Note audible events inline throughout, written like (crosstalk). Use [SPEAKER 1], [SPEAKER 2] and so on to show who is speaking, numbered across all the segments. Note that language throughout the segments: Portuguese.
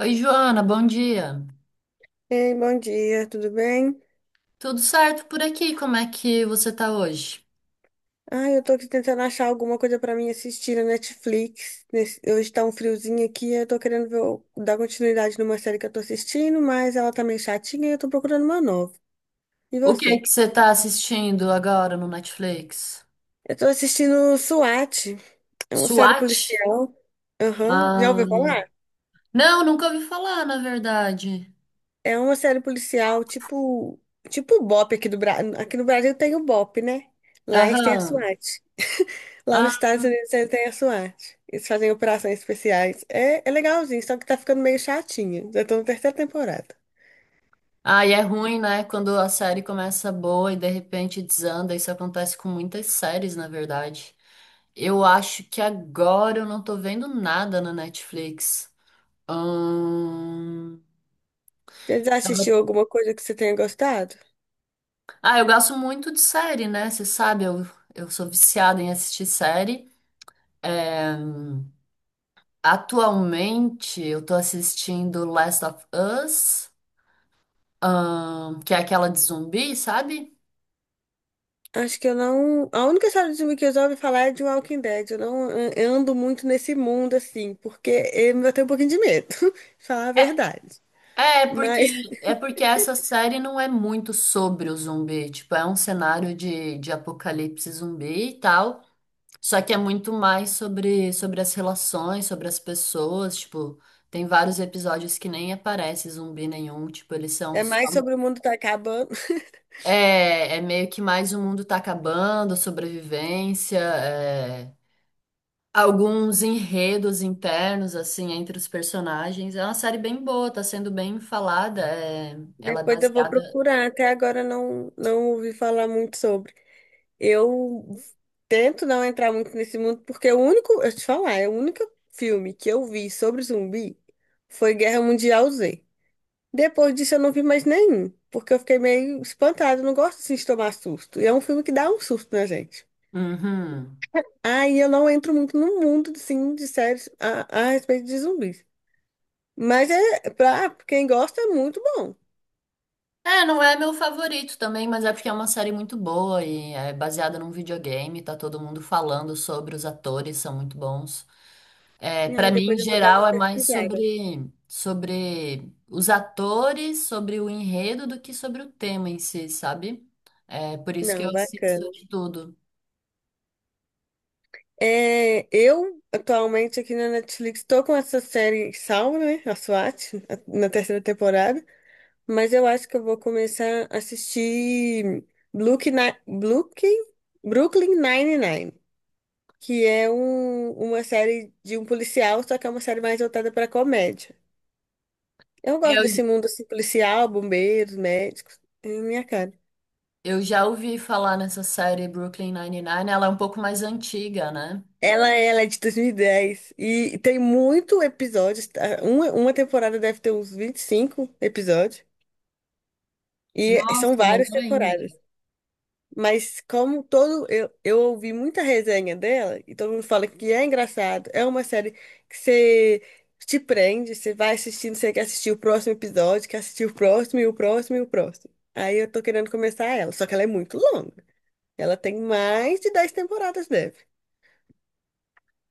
[SPEAKER 1] Oi, Joana, bom dia.
[SPEAKER 2] Ei, bom dia, tudo bem?
[SPEAKER 1] Tudo certo por aqui? Como é que você tá hoje?
[SPEAKER 2] Ah, eu tô aqui tentando achar alguma coisa pra mim assistir na Netflix. Hoje tá um friozinho aqui, eu tô querendo ver dar continuidade numa série que eu tô assistindo, mas ela tá meio chatinha e eu tô procurando uma nova. E
[SPEAKER 1] O que é
[SPEAKER 2] você?
[SPEAKER 1] que você tá assistindo agora no Netflix?
[SPEAKER 2] Eu tô assistindo SWAT, é uma série
[SPEAKER 1] SWAT?
[SPEAKER 2] policial. Aham, já ouviu
[SPEAKER 1] Ah,
[SPEAKER 2] falar?
[SPEAKER 1] não, nunca ouvi falar, na verdade.
[SPEAKER 2] É uma série policial tipo o BOPE aqui do Brasil. Aqui no Brasil tem o BOPE, né? Lá eles têm a
[SPEAKER 1] Aham.
[SPEAKER 2] SWAT. Lá nos
[SPEAKER 1] Ah,
[SPEAKER 2] Estados Unidos eles têm a SWAT. Eles fazem operações especiais. É legalzinho, só que tá ficando meio chatinho. Já tô na terceira temporada.
[SPEAKER 1] ah, e é ruim, né? Quando a série começa boa e de repente desanda. Isso acontece com muitas séries, na verdade. Eu acho que agora eu não tô vendo nada na Netflix. Ahn,
[SPEAKER 2] Você já assistiu alguma coisa que você tenha gostado?
[SPEAKER 1] Ah, eu gosto muito de série, né? Você sabe, eu sou viciada em assistir série. É, atualmente, eu tô assistindo Last of Us, que é aquela de zumbi, sabe?
[SPEAKER 2] Acho que eu não. A única série de filme que eu já ouvi falar é de Walking Dead. Eu não an- eu ando muito nesse mundo, assim, porque eu tenho um pouquinho de medo, (laughs) de falar a
[SPEAKER 1] É,
[SPEAKER 2] verdade.
[SPEAKER 1] é é
[SPEAKER 2] Mas
[SPEAKER 1] porque, É porque essa série não é muito sobre o zumbi, tipo, é um cenário de apocalipse zumbi e tal, só que é muito mais sobre as relações, sobre as pessoas, tipo, tem vários episódios que nem aparece zumbi nenhum, tipo, eles são
[SPEAKER 2] é
[SPEAKER 1] só.
[SPEAKER 2] mais sobre o mundo tá acabando. (laughs)
[SPEAKER 1] É meio que mais o mundo tá acabando, sobrevivência, é, alguns enredos internos, assim, entre os personagens. É uma série bem boa, tá sendo bem falada. Ela é
[SPEAKER 2] Depois eu vou
[SPEAKER 1] baseada.
[SPEAKER 2] procurar. Até agora eu não ouvi falar muito sobre. Eu tento não entrar muito nesse mundo, porque o único, eu te falar, é o único filme que eu vi sobre zumbi foi Guerra Mundial Z. Depois disso eu não vi mais nenhum, porque eu fiquei meio espantada, eu não gosto assim, de tomar susto. E é um filme que dá um susto na gente.
[SPEAKER 1] Uhum.
[SPEAKER 2] Aí eu não entro muito no mundo assim, de séries a respeito de zumbis. Mas é pra quem gosta é muito bom.
[SPEAKER 1] É, não é meu favorito também, mas é porque é uma série muito boa e é baseada num videogame, tá todo mundo falando sobre, os atores são muito bons. É, para
[SPEAKER 2] Aí
[SPEAKER 1] mim, em
[SPEAKER 2] depois eu vou dar uma
[SPEAKER 1] geral, é mais
[SPEAKER 2] pesquisada.
[SPEAKER 1] sobre os atores, sobre o enredo, do que sobre o tema em si, sabe? É por isso que eu
[SPEAKER 2] Não, bacana.
[SPEAKER 1] assisto de tudo.
[SPEAKER 2] É, eu, atualmente, aqui na Netflix, tô com essa série salva, né? A SWAT, na terceira temporada. Mas eu acho que eu vou começar a assistir Blue, Blue, Brooklyn Nine-Nine, que é uma série de um policial, só que é uma série mais voltada pra comédia. Eu
[SPEAKER 1] É,
[SPEAKER 2] gosto
[SPEAKER 1] Eu,
[SPEAKER 2] desse mundo assim, policial, bombeiros, médicos. É minha cara.
[SPEAKER 1] eu já ouvi falar nessa série Brooklyn Nine-Nine, ela é um pouco mais antiga, né?
[SPEAKER 2] Ela é de 2010 e tem muito episódios. Tá? Uma temporada deve ter uns 25 episódios. E são
[SPEAKER 1] Nossa,
[SPEAKER 2] várias
[SPEAKER 1] melhor ainda.
[SPEAKER 2] temporadas. Mas como todo. Eu ouvi muita resenha dela e todo mundo fala que é engraçado. É uma série que você te prende, você vai assistindo, você quer assistir o próximo episódio, quer assistir o próximo e o próximo e o próximo. Aí eu tô querendo começar ela, só que ela é muito longa. Ela tem mais de 10 temporadas, deve.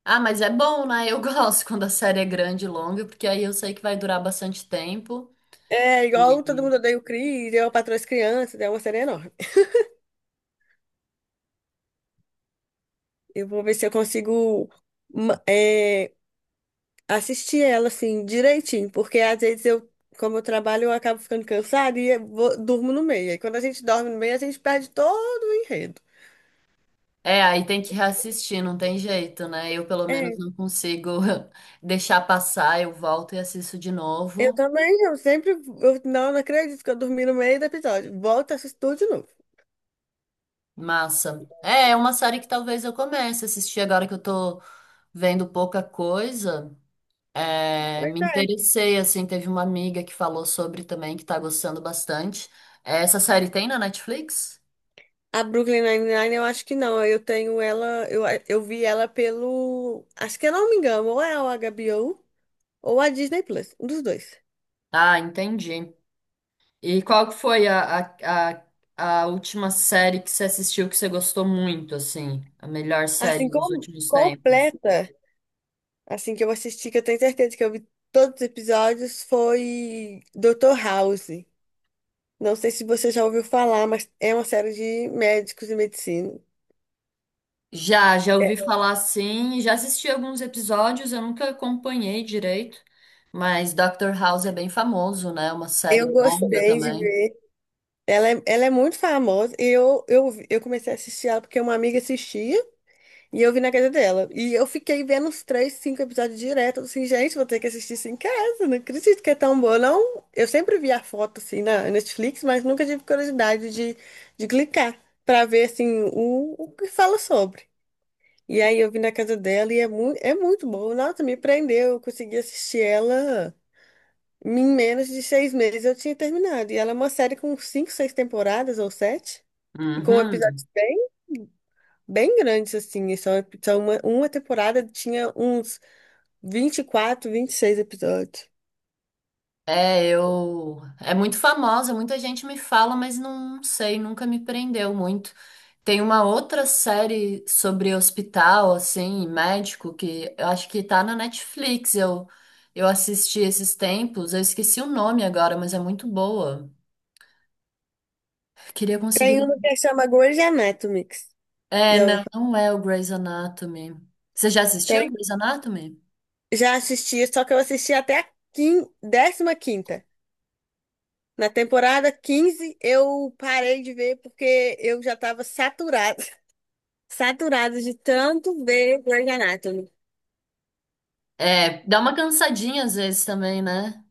[SPEAKER 1] Ah, mas é bom, né? Eu (laughs) gosto quando a série é grande e longa, porque aí eu sei que vai durar bastante tempo.
[SPEAKER 2] É igual todo mundo odeia o Chris, eu patroa as crianças, é uma série enorme. Eu vou ver se eu consigo ma- é, assistir ela assim direitinho, porque às vezes eu, como eu trabalho, eu acabo ficando cansada e eu durmo no meio. E quando a gente dorme no meio, a gente perde todo o enredo.
[SPEAKER 1] É, aí tem que reassistir, não tem jeito, né? Eu pelo menos
[SPEAKER 2] É,
[SPEAKER 1] não consigo (laughs) deixar passar, eu volto e assisto de
[SPEAKER 2] eu
[SPEAKER 1] novo.
[SPEAKER 2] também, eu sempre, eu não acredito que eu dormi no meio do episódio. Volto a assistir tudo de novo.
[SPEAKER 1] Massa. É, é uma série que talvez eu comece a assistir agora que eu tô vendo pouca coisa. É,
[SPEAKER 2] Pois
[SPEAKER 1] me
[SPEAKER 2] é.
[SPEAKER 1] interessei, assim, teve uma amiga que falou sobre também, que tá gostando bastante. É, essa série tem na Netflix?
[SPEAKER 2] A Brooklyn Nine-Nine eu acho que não, eu tenho ela, eu vi ela pelo, acho que eu não me engano, ou é o HBO ou a Disney Plus, um dos dois.
[SPEAKER 1] Ah, entendi. E qual que foi a última série que você assistiu que você gostou muito, assim? A melhor
[SPEAKER 2] Assim,
[SPEAKER 1] série dos últimos tempos?
[SPEAKER 2] completa, assim que eu assisti, que eu tenho certeza que eu vi todos os episódios, foi Dr. House. Não sei se você já ouviu falar, mas é uma série de médicos e medicina.
[SPEAKER 1] Já ouvi falar assim, já assisti alguns episódios, eu nunca acompanhei direito, mas Dr. House é bem famoso, né? Uma
[SPEAKER 2] Eu
[SPEAKER 1] série longa
[SPEAKER 2] gostei de
[SPEAKER 1] também.
[SPEAKER 2] ver. Ela é muito famosa. Eu comecei a assistir ela porque uma amiga assistia. E eu vi na casa dela. E eu fiquei vendo uns três, cinco episódios direto. Assim, gente, vou ter que assistir isso em casa. Não acredito que é tão boa, não. Eu sempre vi a foto, assim, na Netflix, mas nunca tive curiosidade de clicar pra ver, assim, o que fala sobre. E aí eu vi na casa dela e é, mu é muito boa. Nossa, me prendeu. Eu consegui assistir ela em menos de 6 meses. Eu tinha terminado. E ela é uma série com cinco, seis temporadas ou sete. E com
[SPEAKER 1] Uhum.
[SPEAKER 2] episódios bem bem grandes, assim. E só uma temporada tinha uns 20 24 26 episódios.
[SPEAKER 1] É, eu. É muito famosa, muita gente me fala, mas não sei, nunca me prendeu muito. Tem uma outra série sobre hospital, assim, e médico, que eu acho que tá na Netflix. Eu assisti esses tempos, eu esqueci o nome agora, mas é muito boa. Queria conseguir.
[SPEAKER 2] Tem uma que chama Grey's Anatomy.
[SPEAKER 1] É,
[SPEAKER 2] Já, ouviu
[SPEAKER 1] não,
[SPEAKER 2] falar?
[SPEAKER 1] não é o Grey's Anatomy. Você já
[SPEAKER 2] Tem,
[SPEAKER 1] assistiu o Grey's Anatomy?
[SPEAKER 2] já assisti, só que eu assisti até a 15ª. Na temporada 15 eu parei de ver porque eu já estava saturada de tanto ver Grey's Anatomy.
[SPEAKER 1] É, dá uma cansadinha às vezes também, né?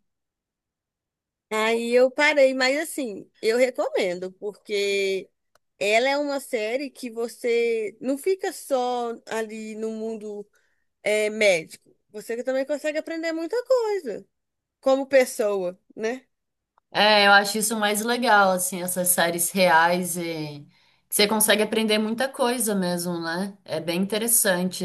[SPEAKER 2] Aí eu parei, mas assim, eu recomendo, porque ela é uma série que você não fica só ali no mundo médico. Você também consegue aprender muita coisa como pessoa, né?
[SPEAKER 1] É, eu acho isso mais legal, assim, essas séries reais e que você consegue aprender muita coisa mesmo, né? É bem interessante.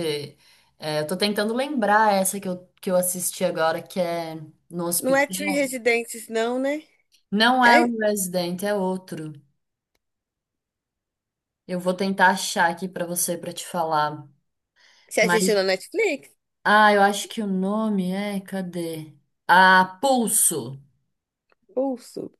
[SPEAKER 1] É, eu tô tentando lembrar essa que eu assisti agora, que é no
[SPEAKER 2] Não é Three
[SPEAKER 1] hospital.
[SPEAKER 2] Residentes, não, né?
[SPEAKER 1] Não é o
[SPEAKER 2] É,
[SPEAKER 1] Resident, é outro. Eu vou tentar achar aqui pra você, pra te falar.
[SPEAKER 2] você
[SPEAKER 1] Mas,
[SPEAKER 2] assistiu na Netflix?
[SPEAKER 1] ah, eu acho que o nome é, cadê? Ah, Pulso.
[SPEAKER 2] Pulso.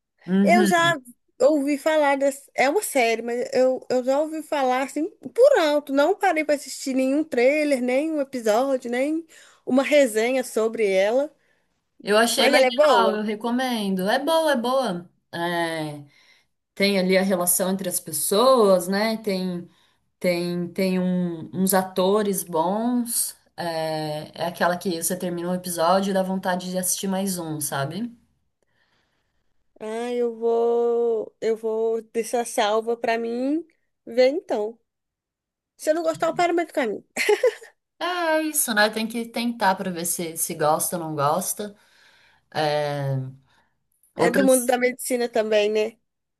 [SPEAKER 2] Eu
[SPEAKER 1] Uhum.
[SPEAKER 2] já ouvi falar dessa. É uma série, mas eu já ouvi falar assim por alto. Não parei para assistir nenhum trailer, nem um episódio, nem uma resenha sobre ela.
[SPEAKER 1] Eu achei
[SPEAKER 2] Mas ela é boa.
[SPEAKER 1] legal, eu recomendo. É boa, é boa. É. Tem ali a relação entre as pessoas, né? Tem uns atores bons. É, é aquela que você termina um episódio e dá vontade de assistir mais um, sabe?
[SPEAKER 2] Ah, eu vou deixar salva para mim ver então. Se eu não gostar, eu paro meio do caminho.
[SPEAKER 1] É isso, né? Tem que tentar pra ver se gosta ou não gosta. É,
[SPEAKER 2] É do mundo
[SPEAKER 1] outras
[SPEAKER 2] da medicina também, né?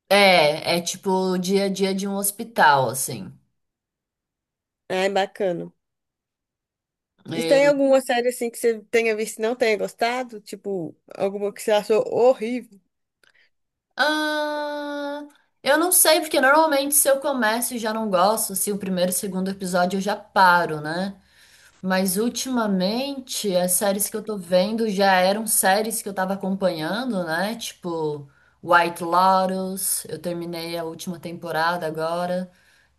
[SPEAKER 1] é tipo o dia a dia de um hospital, assim.
[SPEAKER 2] Ah, é bacana. E tem
[SPEAKER 1] E-
[SPEAKER 2] alguma série assim que você tenha visto e não tenha gostado? Tipo, alguma que você achou horrível?
[SPEAKER 1] ah, eu não sei, porque normalmente se eu começo e já não gosto, se o primeiro e o segundo episódio eu já paro, né? Mas ultimamente, as séries que eu tô vendo já eram séries que eu tava acompanhando, né? Tipo, White Lotus, eu terminei a última temporada agora.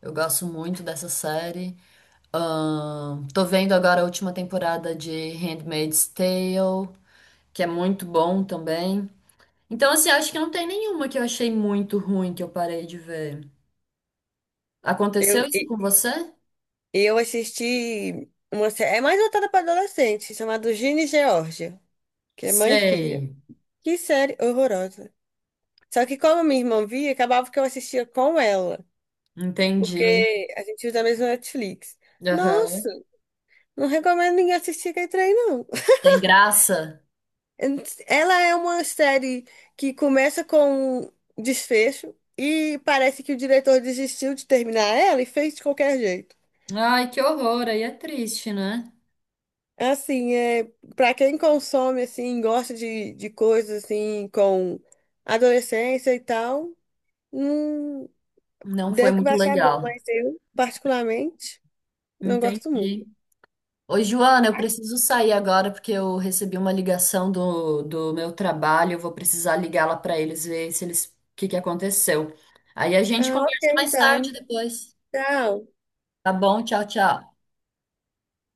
[SPEAKER 1] Eu gosto muito dessa série. Tô vendo agora a última temporada de Handmaid's Tale, que é muito bom também. Então, assim, acho que não tem nenhuma que eu achei muito ruim que eu parei de ver. Aconteceu
[SPEAKER 2] Eu,
[SPEAKER 1] isso com você?
[SPEAKER 2] Eu assisti uma série, é mais voltada para adolescente, chamada Ginny e Georgia, que é mãe e filha.
[SPEAKER 1] Sei,
[SPEAKER 2] Que série horrorosa. Só que como minha irmã via, acabava que eu assistia com ela,
[SPEAKER 1] entendi.
[SPEAKER 2] porque a gente usa a mesma Netflix.
[SPEAKER 1] Aham.
[SPEAKER 2] Nossa, não recomendo ninguém assistir aquele trem, não.
[SPEAKER 1] Tem graça?
[SPEAKER 2] Ela é uma série que começa com um desfecho e parece que o diretor desistiu de terminar ela e fez de qualquer jeito.
[SPEAKER 1] Ai, que horror, aí é triste, né?
[SPEAKER 2] Assim, para quem consome, assim, gosta de coisas, assim, com adolescência e tal, não
[SPEAKER 1] Não foi
[SPEAKER 2] deve que vai
[SPEAKER 1] muito
[SPEAKER 2] achar bom,
[SPEAKER 1] legal.
[SPEAKER 2] mas eu, particularmente, não gosto
[SPEAKER 1] Entendi.
[SPEAKER 2] muito.
[SPEAKER 1] Oi, Joana, eu preciso sair agora porque eu recebi uma ligação do meu trabalho. Eu vou precisar ligá-la para eles ver se o que que aconteceu. Aí a gente
[SPEAKER 2] Ah, ok,
[SPEAKER 1] conversa mais tarde
[SPEAKER 2] então.
[SPEAKER 1] depois.
[SPEAKER 2] Tchau.
[SPEAKER 1] Tá bom? Tchau, tchau.